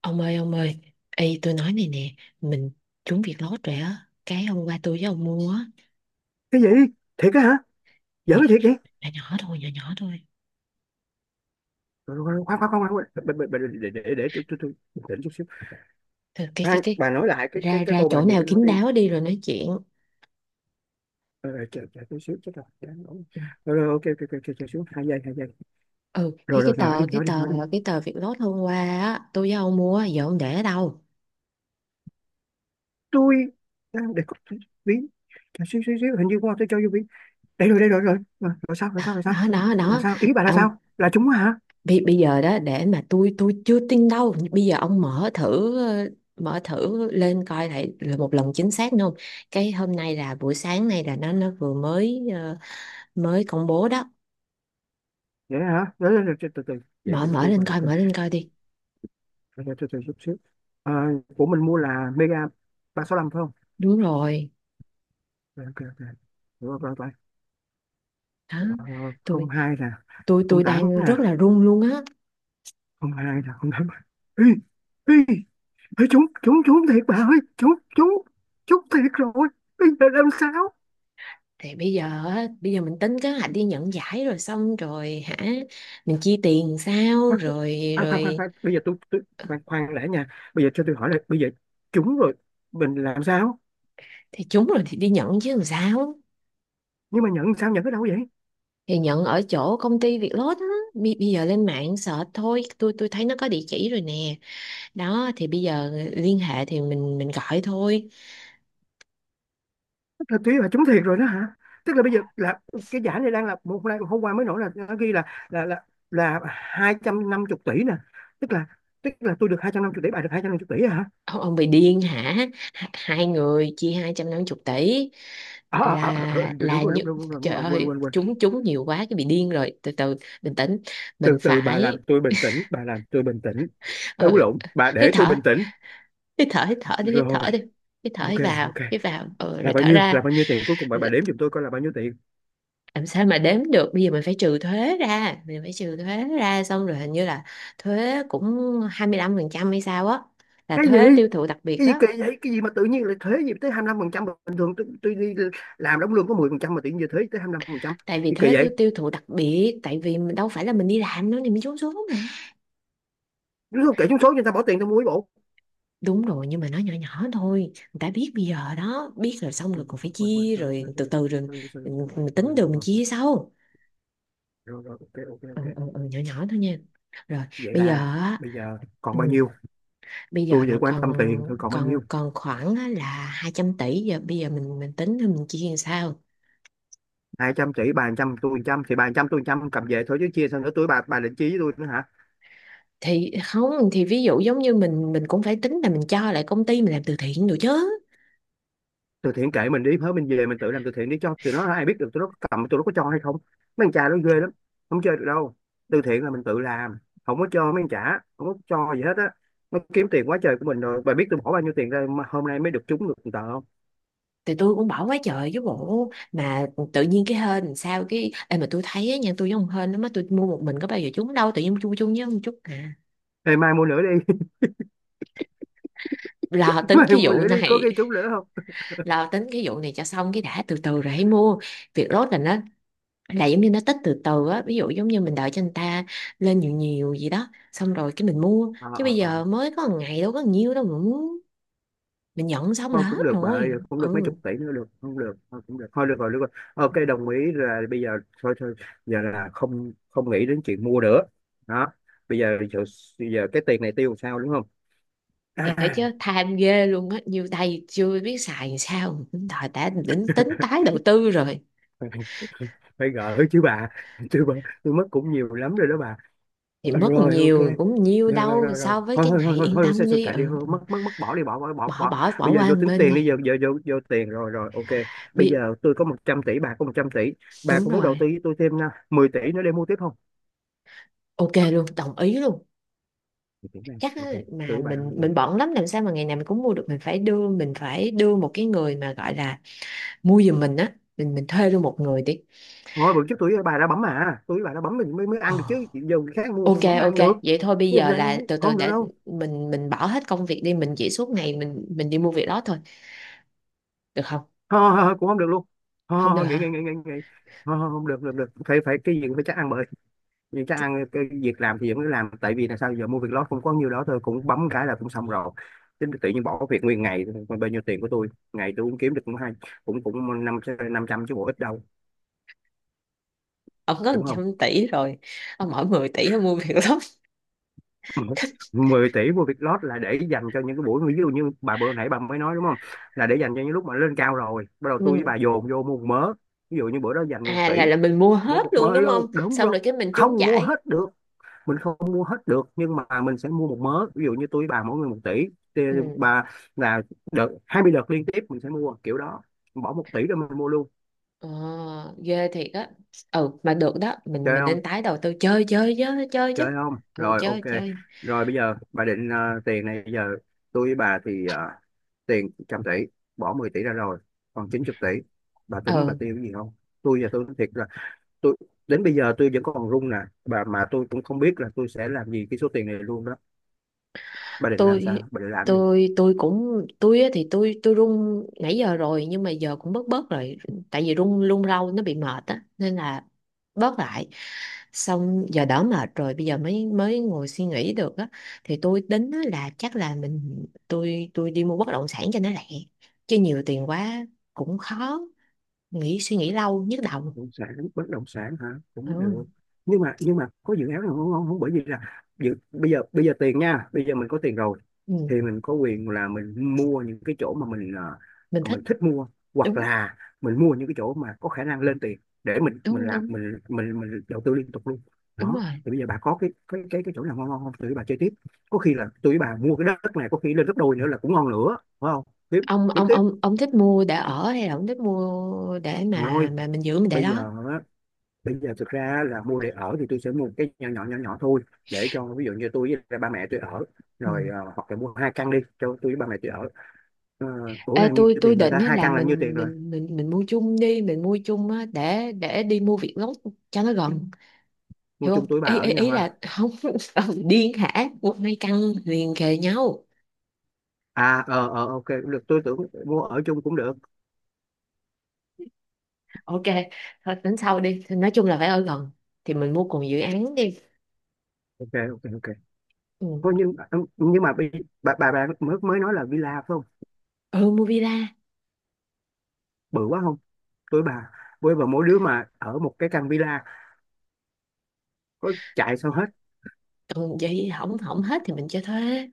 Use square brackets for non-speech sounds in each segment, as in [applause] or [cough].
Ông ơi, Ê tôi nói này nè, mình trúng việc lót rồi á, cái hôm qua tôi với ông mua á, Cái gì? Thiệt á hả? Giỡn thì cái thiệt vậy? nhỏ nhỏ thôi, nhỏ nhỏ thôi. Rồi, rồi, rồi, khoan khoan khoan khoan khoan. Để tôi bình tĩnh chút xíu. Thôi cái cái Khoan, cái bà nói lại cái ra ra câu bà chỗ vừa nào mới nói kín đi. đáo đi rồi nói chuyện. Ờ, ờ, chờ chờ chút xíu, chết rồi đáng nổi. Ừ, Rồi rồi, ok ok ok, chờ chờ xíu, hai giây. Ừ, Rồi cái rồi, cái nói đi tờ cái nói đi tờ nói đi cái tờ việc lót hôm qua á, tôi với ông mua giờ ông để ở đâu? Tôi đang để cốc, ví, chờ xíu xíu xíu, hình như qua tôi cho vô ví. Đây rồi, đây rồi, rồi rồi rồi, sao rồi, sao rồi, sao Đó đó là đó. sao? Ý bà là Ông sao, là chúng á hả? bây giờ đó để mà tôi chưa tin đâu. Bây giờ ông mở thử mở thử lên coi lại là một lần chính xác nữa không? Cái hôm nay là buổi sáng nay là nó vừa mới mới công bố đó. Vậy hả? Rồi rồi rồi, từ từ từ. Vậy mở để mở tôi lên coi lại coi coi. mở lên coi đi. Rồi, rồi, từ từ chút xíu. Ờ, của mình mua là mega 365 phải không? Đúng rồi Ok ok ok, rồi rồi rồi, đó. ờ, không tôi hai nè, tôi không tôi tám đang nè, rất là run luôn á. không hai nè, không tám. Ê, ê, ê, trúng trúng trúng thiệt bà ơi, trúng trúng trúng thiệt rồi. Bây giờ làm sao? Thì bây giờ á, bây giờ mình tính kế hoạch đi nhận giải rồi xong rồi hả, mình chi tiền sao Khoan rồi khoan khoan, khoan, rồi? khoan. Bây giờ tôi khoan khoan đã nha. Bây giờ cho tôi hỏi là bây giờ trúng rồi mình làm sao? Thì trúng rồi thì đi nhận chứ làm sao. Nhưng mà nhận sao, nhận ở đâu vậy? Thì nhận ở chỗ công ty Việt Lốt á. Bây giờ lên mạng search thôi, tôi thấy nó có địa chỉ rồi nè. Đó thì bây giờ liên hệ thì mình gọi thôi. Tức là tí là trúng thiệt rồi đó hả? Tức là bây giờ là cái giải này đang là một nay hôm qua mới nổi là nó ghi là là 250 tỷ nè. Tức là, tức là tôi được 250 tỷ, bà được 250 tỷ hả? Ông bị điên hả? Hai người chia 250 tỷ À, à, à, à, là như, đúng trời rồi, quên ơi quên quên. chúng chúng nhiều quá cái bị điên rồi, từ từ bình tĩnh mình Từ từ, bà làm phải, tôi bình tĩnh, bà làm tôi bình tĩnh. Ấu ừ, lộn, bà hít để tôi thở bình tĩnh. hít thở hít thở đi hít Rồi, thở đi, hít thở ok hít vào ok. hít vào, ừ, Là rồi bao thở nhiêu, là ra. bao nhiêu tiền cuối cùng? Bà đếm giùm tôi coi là bao nhiêu tiền. Làm sao mà đếm được, bây giờ mình phải trừ thuế ra, xong rồi hình như là thuế cũng 25% hay sao á, là Cái gì? thuế tiêu thụ đặc biệt Cái gì á. kỳ vậy? Cái gì mà tự nhiên lại thuế gì tới 25 phần trăm? Bình thường tôi đi làm đóng lương có 10 phần trăm mà tự nhiên giờ thuế tới 25 phần trăm? Tại vì Gì thuế kỳ tiêu vậy? tiêu thụ đặc biệt, tại vì mình đâu phải là mình đi làm nữa thì mình trốn xuống mà. Đúng không? Kể trúng số cho người ta bỏ tiền tao mua cái bộ. Đúng rồi, nhưng mà nó nhỏ nhỏ thôi, người ta biết bây giờ đó, biết rồi Quên xong rồi quên còn phải quên quên quên, chia sorry rồi sorry từ sorry, từ rồi. sorry sorry mình, sorry, mình rồi tính rồi được mình rồi, chia sau. rồi rồi, ok ok Ừ, ok. ừ, ừ, nhỏ nhỏ thôi nha. Rồi Vậy bây giờ là á, bây giờ còn bao ừ, nhiêu? bây giờ Tôi vừa là quan còn tâm tiền thôi, còn bao còn nhiêu? còn khoảng á là 200 tỷ giờ, bây giờ mình tính rồi mình chia làm sao. 200 tỷ, bà 100 tôi 100, thì bà 100 tôi 100 cầm về thôi chứ chia sao nữa, tôi bà định chia với tôi nữa hả? Thì không thì ví dụ giống như mình cũng phải tính là mình cho lại công ty, mình làm từ thiện được chứ. Từ thiện kệ mình, đi hết mình về mình tự làm từ thiện đi, cho tụi nó ai biết được tụi nó có cầm, tụi nó có cho hay không. Mấy anh cha nó ghê lắm, không chơi được đâu. Từ thiện là mình tự làm, không có cho mấy anh trả, không có cho gì hết á. Nó kiếm tiền quá trời của mình rồi, bà biết tôi bỏ bao nhiêu tiền ra mà hôm nay mới được trúng được một tờ không? Thì tôi cũng bỏ quá trời chứ bộ, mà tự nhiên cái hên làm sao. Cái Ê, mà tôi thấy á nha, tôi với ông hên lắm á, tôi mua một mình có bao giờ trúng đâu, tự nhiên chung chung với ông chút à. Ê, mai mua nữa đi. Lo [laughs] tính Mai cái mua vụ nữa đi có này, cái trúng nữa không? lo tính cái vụ này cho xong cái đã, từ từ rồi hãy mua. Việc rốt là nó là giống như nó tích từ từ á, ví dụ giống như mình đợi cho người ta lên nhiều nhiều gì đó xong rồi cái mình mua, Ờ, chứ bây ờ, ờ. giờ mới có một ngày đâu có nhiều đâu mà muốn. Mình nhận xong là Thôi cũng hết được bà ơi, rồi cũng được mấy ừ. chục tỷ nữa được không, được thôi, cũng được thôi, được rồi, được rồi, ok. Đồng ý là bây giờ thôi thôi, giờ là không không nghĩ đến chuyện mua nữa. Đó, bây giờ giờ, giờ cái tiền này tiêu làm sao, đúng không? Thiệt À, cái chứ tham ghê luôn á, nhiêu tay chưa biết xài làm sao thời đã đến tính tái [laughs] đầu tư rồi. phải gỡ chứ bà, chứ bà. Tôi mất cũng nhiều lắm rồi đó bà. Thì mất Rồi ok, nhiều cũng nhiều rồi rồi đâu rồi rồi, so với thôi cái thôi này, thôi thôi yên thôi, sẽ tâm sẽ đi. kệ đi Ừ. thôi, Ừ. mất mất mất bỏ đi, bỏ bỏ bỏ bỏ bỏ bỏ Bỏ Bây giờ qua vô một tính bên tiền đi. đi, giờ giờ vô vô tiền, rồi rồi ok. Bây Biết. giờ tôi có 100 tỷ, bà có 100 tỷ, bà Đúng có muốn đầu rồi, tư với tôi thêm à, 10 tỷ nữa để mua tiếp không? ok luôn, đồng ý luôn. 10 tỷ này Chắc ok, á, mà tôi với bà mình ok. bận lắm, làm sao mà ngày nào mình cũng mua được, mình phải đưa một cái người mà gọi là mua giùm mình á, mình thuê luôn một người đi. Thôi bữa trước tôi với bà đã bấm mà, tôi với bà đã bấm mình mới mới Ờ. ăn được chứ, giờ người khác mua Ok sao bấm ok, ăn được. vậy thôi bây Thế làm giờ là sao? từ từ Không được để đâu. mình bỏ hết công việc đi, mình chỉ suốt ngày mình đi mua việc đó thôi, được không? Thôi, thôi, thôi, cũng không được luôn. Thôi, thôi, Không được thôi, nghỉ nghỉ hả? nghỉ nghỉ nghỉ Thôi, thôi, không được, được được phải phải cái gì cũng phải chắc ăn bữa. Những cái ăn cái việc làm thì vẫn cứ làm, tại vì là sao giờ mua việc đó cũng có nhiêu đó thôi, cũng bấm cái là cũng xong rồi. Chứ tự nhiên bỏ việc nguyên ngày, còn bao nhiêu tiền của tôi, ngày tôi cũng kiếm được cũng hay, cũng cũng năm, 500 chứ bộ ít đâu. Ông có một Đúng không? trăm tỷ rồi, ông mỗi 10 tỷ ông mua việc lắm. [laughs] [laughs] 10 tỷ mua việc lót là để dành cho những cái buổi ví dụ như bà bữa nãy bà mới nói, đúng không? Là để dành cho những lúc mà lên cao rồi bắt đầu tôi với Ừ. bà dồn vô mua một mớ. Ví dụ như bữa đó dành một À, tỷ là mình mua mua hết một luôn mớ đúng không, luôn, đúng xong rồi. rồi cái mình trúng Không mua giải. hết được, mình không mua hết được, nhưng mà mình sẽ mua một mớ, ví dụ như tôi với bà mỗi người 1 tỷ, thì Ừ. bà là đợt 20 đợt liên tiếp mình sẽ mua kiểu đó, bỏ 1 tỷ rồi mình mua luôn. Ờ, ghê thiệt á. Ừ mà được đó, mình Chơi mình không? nên tái đầu tư, chơi chơi chứ, chơi chứ. Chơi không? Ừ Rồi ok. chơi chơi. Rồi bây giờ bà định tiền này bây giờ tôi với bà thì tiền 100 tỷ, bỏ 10 tỷ ra rồi còn 90 tỷ, bà tính bà Ừ tiêu cái gì không? Tôi giờ tôi nói thiệt là tôi đến bây giờ tôi vẫn còn run nè bà, mà tôi cũng không biết là tôi sẽ làm gì cái số tiền này luôn đó. Bà định làm tôi, sao, bà định làm gì? Tôi cũng tôi á thì tôi run nãy giờ rồi, nhưng mà giờ cũng bớt bớt rồi, tại vì run run rau nó bị mệt á nên là bớt lại, xong giờ đỡ mệt rồi bây giờ mới mới ngồi suy nghĩ được á. Thì tôi tính á là chắc là mình, tôi đi mua bất động sản cho nó lẹ, chứ nhiều tiền quá cũng khó nghĩ, suy nghĩ lâu nhức đầu. Động sản, bất động sản hả? Cũng Ừ, được. Nhưng mà, nhưng mà có dự án nào không, không, không, bởi vì là dự, bây giờ, bây giờ tiền nha, bây giờ mình có tiền rồi ừ, thì mình có quyền là mình mua những cái chỗ mà mình mình thích. mình thích mua, hoặc Đúng. là mình mua những cái chỗ mà có khả năng lên tiền, để mình Đúng làm, đúng. mình đầu tư liên tục luôn. Đúng Đó rồi. thì bây giờ bà có cái chỗ nào ngon ngon không, tụi bà chơi tiếp. Có khi là tụi bà mua cái đất này có khi lên gấp đôi nữa là cũng ngon nữa phải không? Kiếm, kiếm tiếp. Ông thích mua để ở hay là ông thích mua để Rồi mà mình giữ mình để bây đó. giờ, bây giờ thực ra là mua để ở thì tôi sẽ mua một cái nhỏ nhỏ thôi, để cho ví dụ như tôi với lại ba mẹ tôi ở, Ừ. rồi ờ, hoặc là mua hai căn đi cho tôi với ba mẹ tôi ở. Uh, ủa Ê, là nhiêu tôi tiền, người định ta á hai là căn là nhiêu tiền rồi. Mình mua chung đi, mình mua chung á để đi mua việc gốc cho nó gần, Mua hiểu chung không? tuổi bà Ý ở ý, nhau Ý là ha? không. [laughs] Ông điên hả, mua hai căn liền kề nhau. À ờ ờ ok cũng được, tôi tưởng. Mua ở chung cũng được. Ok thôi tính sau đi. Thì nói chung là phải ở gần thì mình mua cùng dự án đi. Ok ok ok, Ừ, thôi nhưng, nhưng mà bây- bà mới mới nói là villa phải không? ừ mua villa. Bự quá không? Tuổi bà với bà mỗi đứa mà ở một cái căn villa, có chạy sao hết? Ừ, vậy hỏng hỏng hết thì mình cho thuê.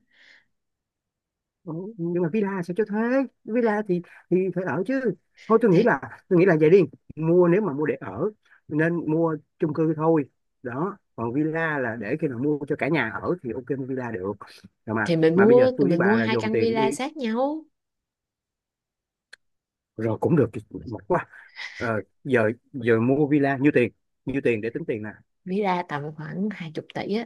Ủa, nhưng mà villa sao cho thuê? Villa thì phải ở chứ. Thôi tôi nghĩ thì là, tôi nghĩ là vậy đi, mua nếu mà mua để ở nên mua chung cư thôi. Đó, còn villa là để khi nào mua cho cả nhà ở thì ok, mua villa được. Rồi mà thì mà bây giờ tôi với mình mua bà là hai dồn căn tiền villa đi, sát nhau. rồi cũng được, mệt quá. Ờ, giờ giờ mua villa nhiêu tiền, nhiêu tiền để tính tiền nè. Ví ra tầm khoảng 20 tỷ á.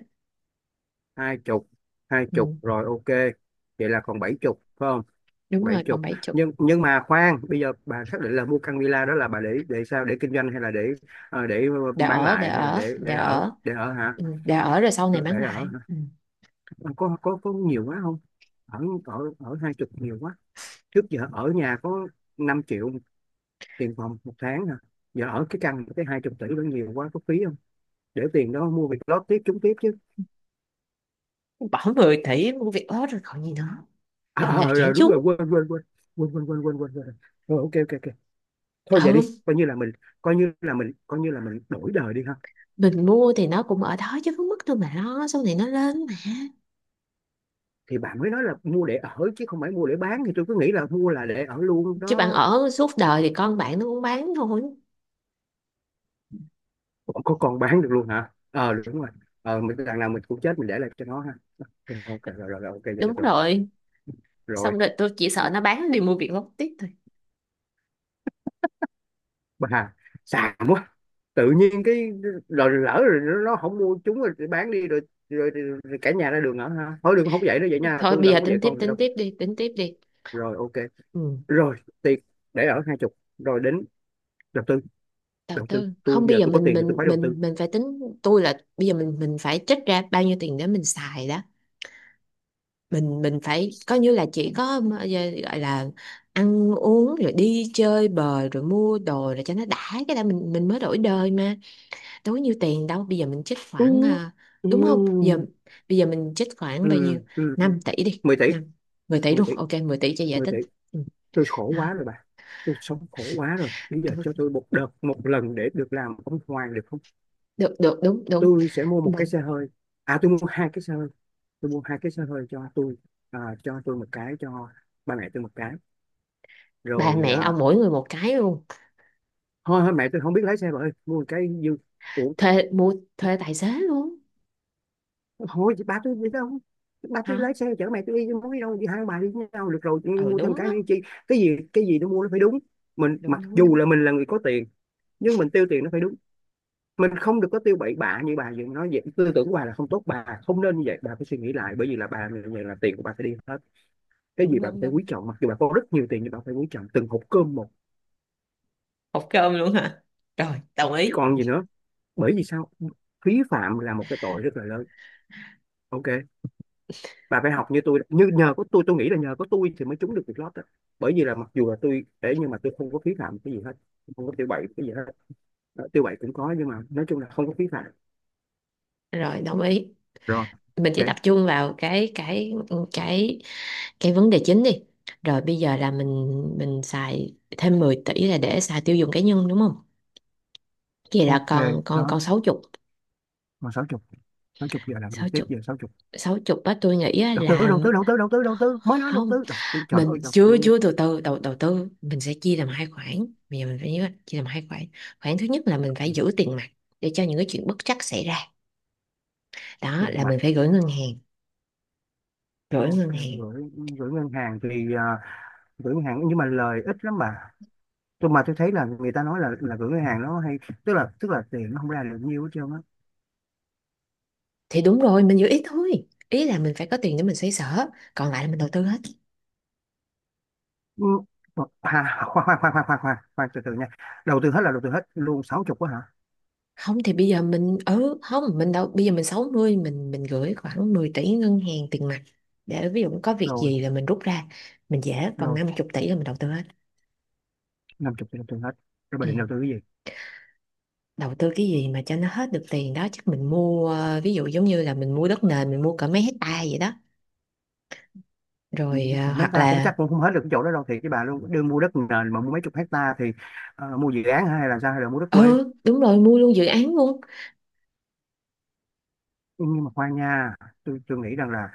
Hai chục, hai chục, Ừ, rồi ok. Vậy là còn bảy chục phải không? đúng Bảy rồi còn chục, bảy chục. nhưng mà khoan, bây giờ bà xác định là mua căn villa đó là bà để sao, để kinh doanh hay là để ờ, để bán Để lại hay là ở để để để ở, ở. để ở hả? Ừ, để ở rồi sau Để này bán ở lại hả? ừ. Ờ, có nhiều quá không? Ở ở ở hai chục nhiều quá, trước giờ ở nhà có 5 triệu tiền phòng một tháng hả? Giờ ở cái căn cái 20 tỷ đó nhiều quá, có phí không? Để tiền đó mua việc lót tiếp, trúng tiếp chứ. Bỏ 10 tỷ mua việc ớt rồi còn gì nữa, đường nào chảy Rồi đúng chúng. rồi, quên quên quên quên quên quên quên quên quên. Rồi, ok ok ok. Thôi vậy đi, Ừ coi như là mình, coi như là mình đổi đời đi ha. mình mua thì nó cũng ở đó chứ không mất đâu mà lo. Sau này nó lên mà. Thì bà mới nói là mua để ở chứ không phải mua để bán, thì tôi cứ nghĩ là mua là để ở luôn Chứ bạn đó. ở suốt đời thì con bạn nó cũng bán thôi. Còn có còn bán được luôn hả? Ờ, đúng rồi. Ờ, mình đằng nào mình cũng chết, mình để lại cho nó ha. Ok ok, rồi rồi rồi, ok vậy được Đúng rồi. rồi. Xong Rồi, rồi tôi chỉ sợ nó bán đi mua việc lót tiếp thôi. bà xàm quá, tự nhiên cái. Rồi lỡ rồi nó không mua chúng rồi thì bán đi rồi, rồi, rồi, rồi cả nhà ra đường ở ha. Thôi đừng, không dạy nó vậy nha, Thôi tôi bây là giờ không có tính dạy tiếp, con vậy tính đâu. tiếp đi, tính tiếp đi. Rồi ok. Ừ. Rồi, tiền để ở hai chục, rồi đến đầu tư. Đầu Đầu tư tư tôi, không, bây giờ giờ tôi có tiền thì tôi phải đầu tư. mình phải tính tôi là bây giờ mình phải trích ra bao nhiêu tiền để mình xài đó. Mình phải coi như là chỉ có mà- giờ gọi là ăn uống rồi đi chơi bời rồi mua đồ rồi cho nó đã, cái đó mình mới đổi đời mà. Đâu có nhiêu tiền đâu, bây giờ mình trích Ừ, khoảng à, ừ, đúng không, bây giờ mình trích khoảng ừ, bao nhiêu, ừ. 5 tỷ đi. Mười tỷ, Năm, 10 tỷ 10 luôn, tỷ, ok 10 tỷ cho dễ 10 tính. tỷ. Ừ. Tôi khổ Đó. quá rồi bà, tôi sống khổ quá rồi, bây giờ cho tôi một đợt, một lần để được làm ông hoàng được không? Được, được, đúng đúng. Tôi sẽ mua một cái Mình- xe hơi. À tôi mua hai cái xe hơi, tôi mua hai cái xe hơi cho tôi. À, cho tôi một cái, cho ba mẹ tôi một cái. Ba Rồi mẹ ông à, mỗi người một cái luôn. thôi thôi, mẹ tôi không biết lái xe bà ơi, mua một cái dư. Ủa, Thuê, mua thuê tài xế luôn. thôi chị ba tôi đi đâu? Ba Hả. tôi lái xe chở mẹ tôi đi chứ, muốn đi đâu đi, hai ông bà đi với nhau được rồi, Ừ mua thêm đúng á. cái nữa chi. Cái gì cái gì tôi mua nó phải đúng. Mình Đúng mặc đúng dù đúng, là mình là người có tiền, nhưng mình tiêu tiền nó phải đúng. Mình không được có tiêu bậy bạ như bà vừa nói vậy. Tư tưởng của bà là không tốt, bà không nên như vậy, bà phải suy nghĩ lại. Bởi vì là bà như vậy là tiền của bà phải đi hết. Cái gì đúng bà đúng phải quý đúng. trọng, mặc dù bà có rất nhiều tiền nhưng bà phải quý trọng từng hộp cơm một. Hộp cơm luôn hả? Rồi đồng Chứ ý. còn gì nữa. Bởi vì sao? Phí phạm là một cái tội rất là lớn. Ok, bà phải học như tôi. Như nhờ có tôi nghĩ là nhờ có tôi thì mới trúng được việc lót đó. Bởi vì là mặc dù là tôi để nhưng mà tôi không có phí phạm cái gì hết, không có tiêu bậy cái gì hết. Ờ, tiêu bậy cũng có nhưng mà nói chung là không có phí phạm. Rồi đồng ý Rồi mình chỉ ok. tập trung vào cái cái vấn đề chính đi. Rồi bây giờ là mình xài thêm 10 tỷ là để xài tiêu dùng cá nhân đúng không, vậy là Ok, còn còn đó. còn sáu chục. Còn sáu chục, sáu chục giờ làm gì Sáu tiếp, chục, giờ sáu. sáu chục á tôi nghĩ á Đầu tư, là. đầu tư, đầu tư, đầu tư, đầu tư mới nói đầu Không, tư đầu tư, trời mình ơi, đầu chưa tư. chưa từ từ, đầu đầu tư mình sẽ chia làm hai khoản, bây giờ mình phải nhớ chia làm hai khoản. Khoản thứ nhất là mình phải tiền giữ tiền mặt để cho những cái chuyện bất trắc xảy ra, đó tiền là mặt, mình phải gửi ngân hàng. Gửi ok. ngân hàng Gửi, gửi ngân hàng thì à, gửi ngân hàng nhưng mà lời ít lắm bà. Tôi mà tôi thấy là người ta nói là gửi ngân hàng nó hay, tức là tiền nó không ra được nhiều hết trơn á. thì đúng rồi, mình giữ ít thôi ý là mình phải có tiền để mình xoay sở, còn lại là mình đầu tư hết. Ừ, [laughs] khoan khoan khoan khoan khoan khoan khoan, từ từ nha. Đầu tư hết là đầu tư hết luôn sáu chục quá hả? Không thì bây giờ mình, ừ không mình đâu, bây giờ mình 60 mình gửi khoảng 10 tỷ ngân hàng tiền mặt để ví dụ có việc Rồi. gì là mình rút ra mình dễ, còn Rồi, 50 tỷ là mình đầu tư hết. năm chục thì đầu tư hết, rồi bà định Ừ. đầu tư cái gì? Đầu tư cái gì mà cho nó hết được tiền đó, chắc mình mua ờ, ví dụ giống như là mình mua đất nền mình mua cả mấy hectare vậy đó, Ừ, rồi ờ, mấy hoặc ta cũng là chắc cũng không hết được cái chỗ đó đâu, thiệt với bà luôn, đưa mua đất nền mà mua mấy chục hecta thì. Ờ, mua dự án hả? Hay là sao, hay là mua đất quê? ừ đúng rồi mua luôn dự án luôn. Nhưng mà khoan nha, tôi nghĩ rằng là,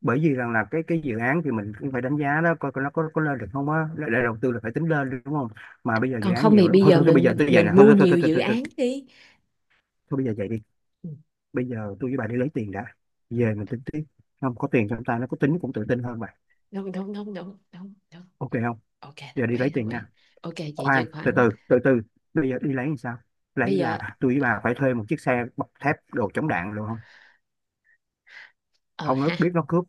bởi vì rằng là cái dự án thì mình cũng phải đánh giá đó, coi coi nó có lên được không á. Là đầu tư là phải tính lên đi, đúng không? Mà bây giờ dự Còn án không nhiều thì lắm, bây thôi giờ thôi, thôi bây giờ mình tôi vậy nè, mình thôi mua thôi thôi thôi nhiều thôi, dự thôi, thôi, án đi. thôi bây giờ vậy đi. Ừ, Bây giờ tôi với bà đi lấy tiền đã, về mình tính tiếp. Không có tiền trong tay nó có tính cũng tự tin hơn bà. đúng đúng đúng, đúng đúng đúng. Ok không? Ok Giờ đồng đi ý, lấy đồng tiền ý. nha. Ok chị Khoan, chuyển từ khoản. từ từ từ. Bây giờ đi lấy làm sao, Bây lấy giờ là tôi với bà phải thuê một chiếc xe bọc thép đồ chống đạn luôn không? ờ Không nó ha, biết nó cướp.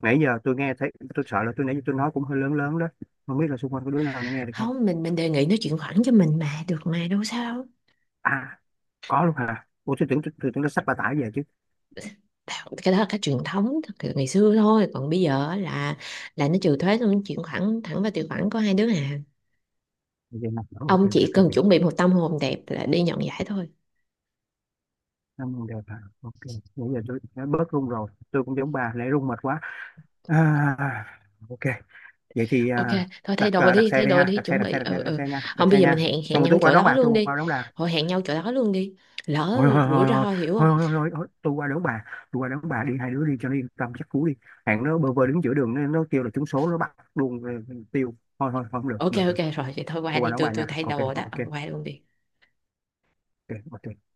Nãy giờ tôi nghe thấy tôi sợ là, tôi nãy giờ tôi nói cũng hơi lớn lớn đó, không biết là xung quanh có đứa nào nó nghe được không. không mình đề nghị nó chuyển khoản cho mình mà được mà đâu sao đâu. À, có luôn hả? Ủa tôi tưởng, tôi tưởng nó xách bà tải về chứ. Đạo- cái đó là cái truyền thống từ ngày xưa thôi, còn bây giờ á là nó trừ thuế xong nó chuyển khoản thẳng vào tài khoản của hai đứa à. Vậy nè. Ủa, ok Ông ok chỉ ok cần ok. chuẩn bị một tâm hồn đẹp là đi nhận giải thôi. Năm con đẹp hả? Ok. Nãy giờ tôi đã bớt run rồi, tôi cũng giống bà, nãy run mệt quá. à, ok. Vậy thì Ok thôi thay đặt đồ đặt đi, xe thay đi đồ ha, đi đặt xe chuẩn đặt xe bị đặt xe ừ đặt ừ. xe nha, Không đặt bây xe giờ mình nha, hẹn, xong hẹn rồi nhau tôi qua chỗ đón đó bà, tôi luôn đi, qua đón bà. thôi hẹn nhau chỗ đó luôn đi, lỡ Thôi thôi rủi thôi thôi, ro hiểu không. thôi thôi thôi thôi, tôi qua đón bà, tôi qua đón bà đi, hai đứa đi cho nó yên tâm, chắc cú đi. Hạng nó bơ vơ đứng giữa đường, nó kêu là trúng số nó bắt luôn. Ừ, tiêu. Thôi thôi thôi, không được, Ok không được, ok được. rồi vậy, thôi qua Tôi qua đi, đón tôi bà tôi nha. thay Ok đồ đó ok, ông qua luôn đi. ok ok.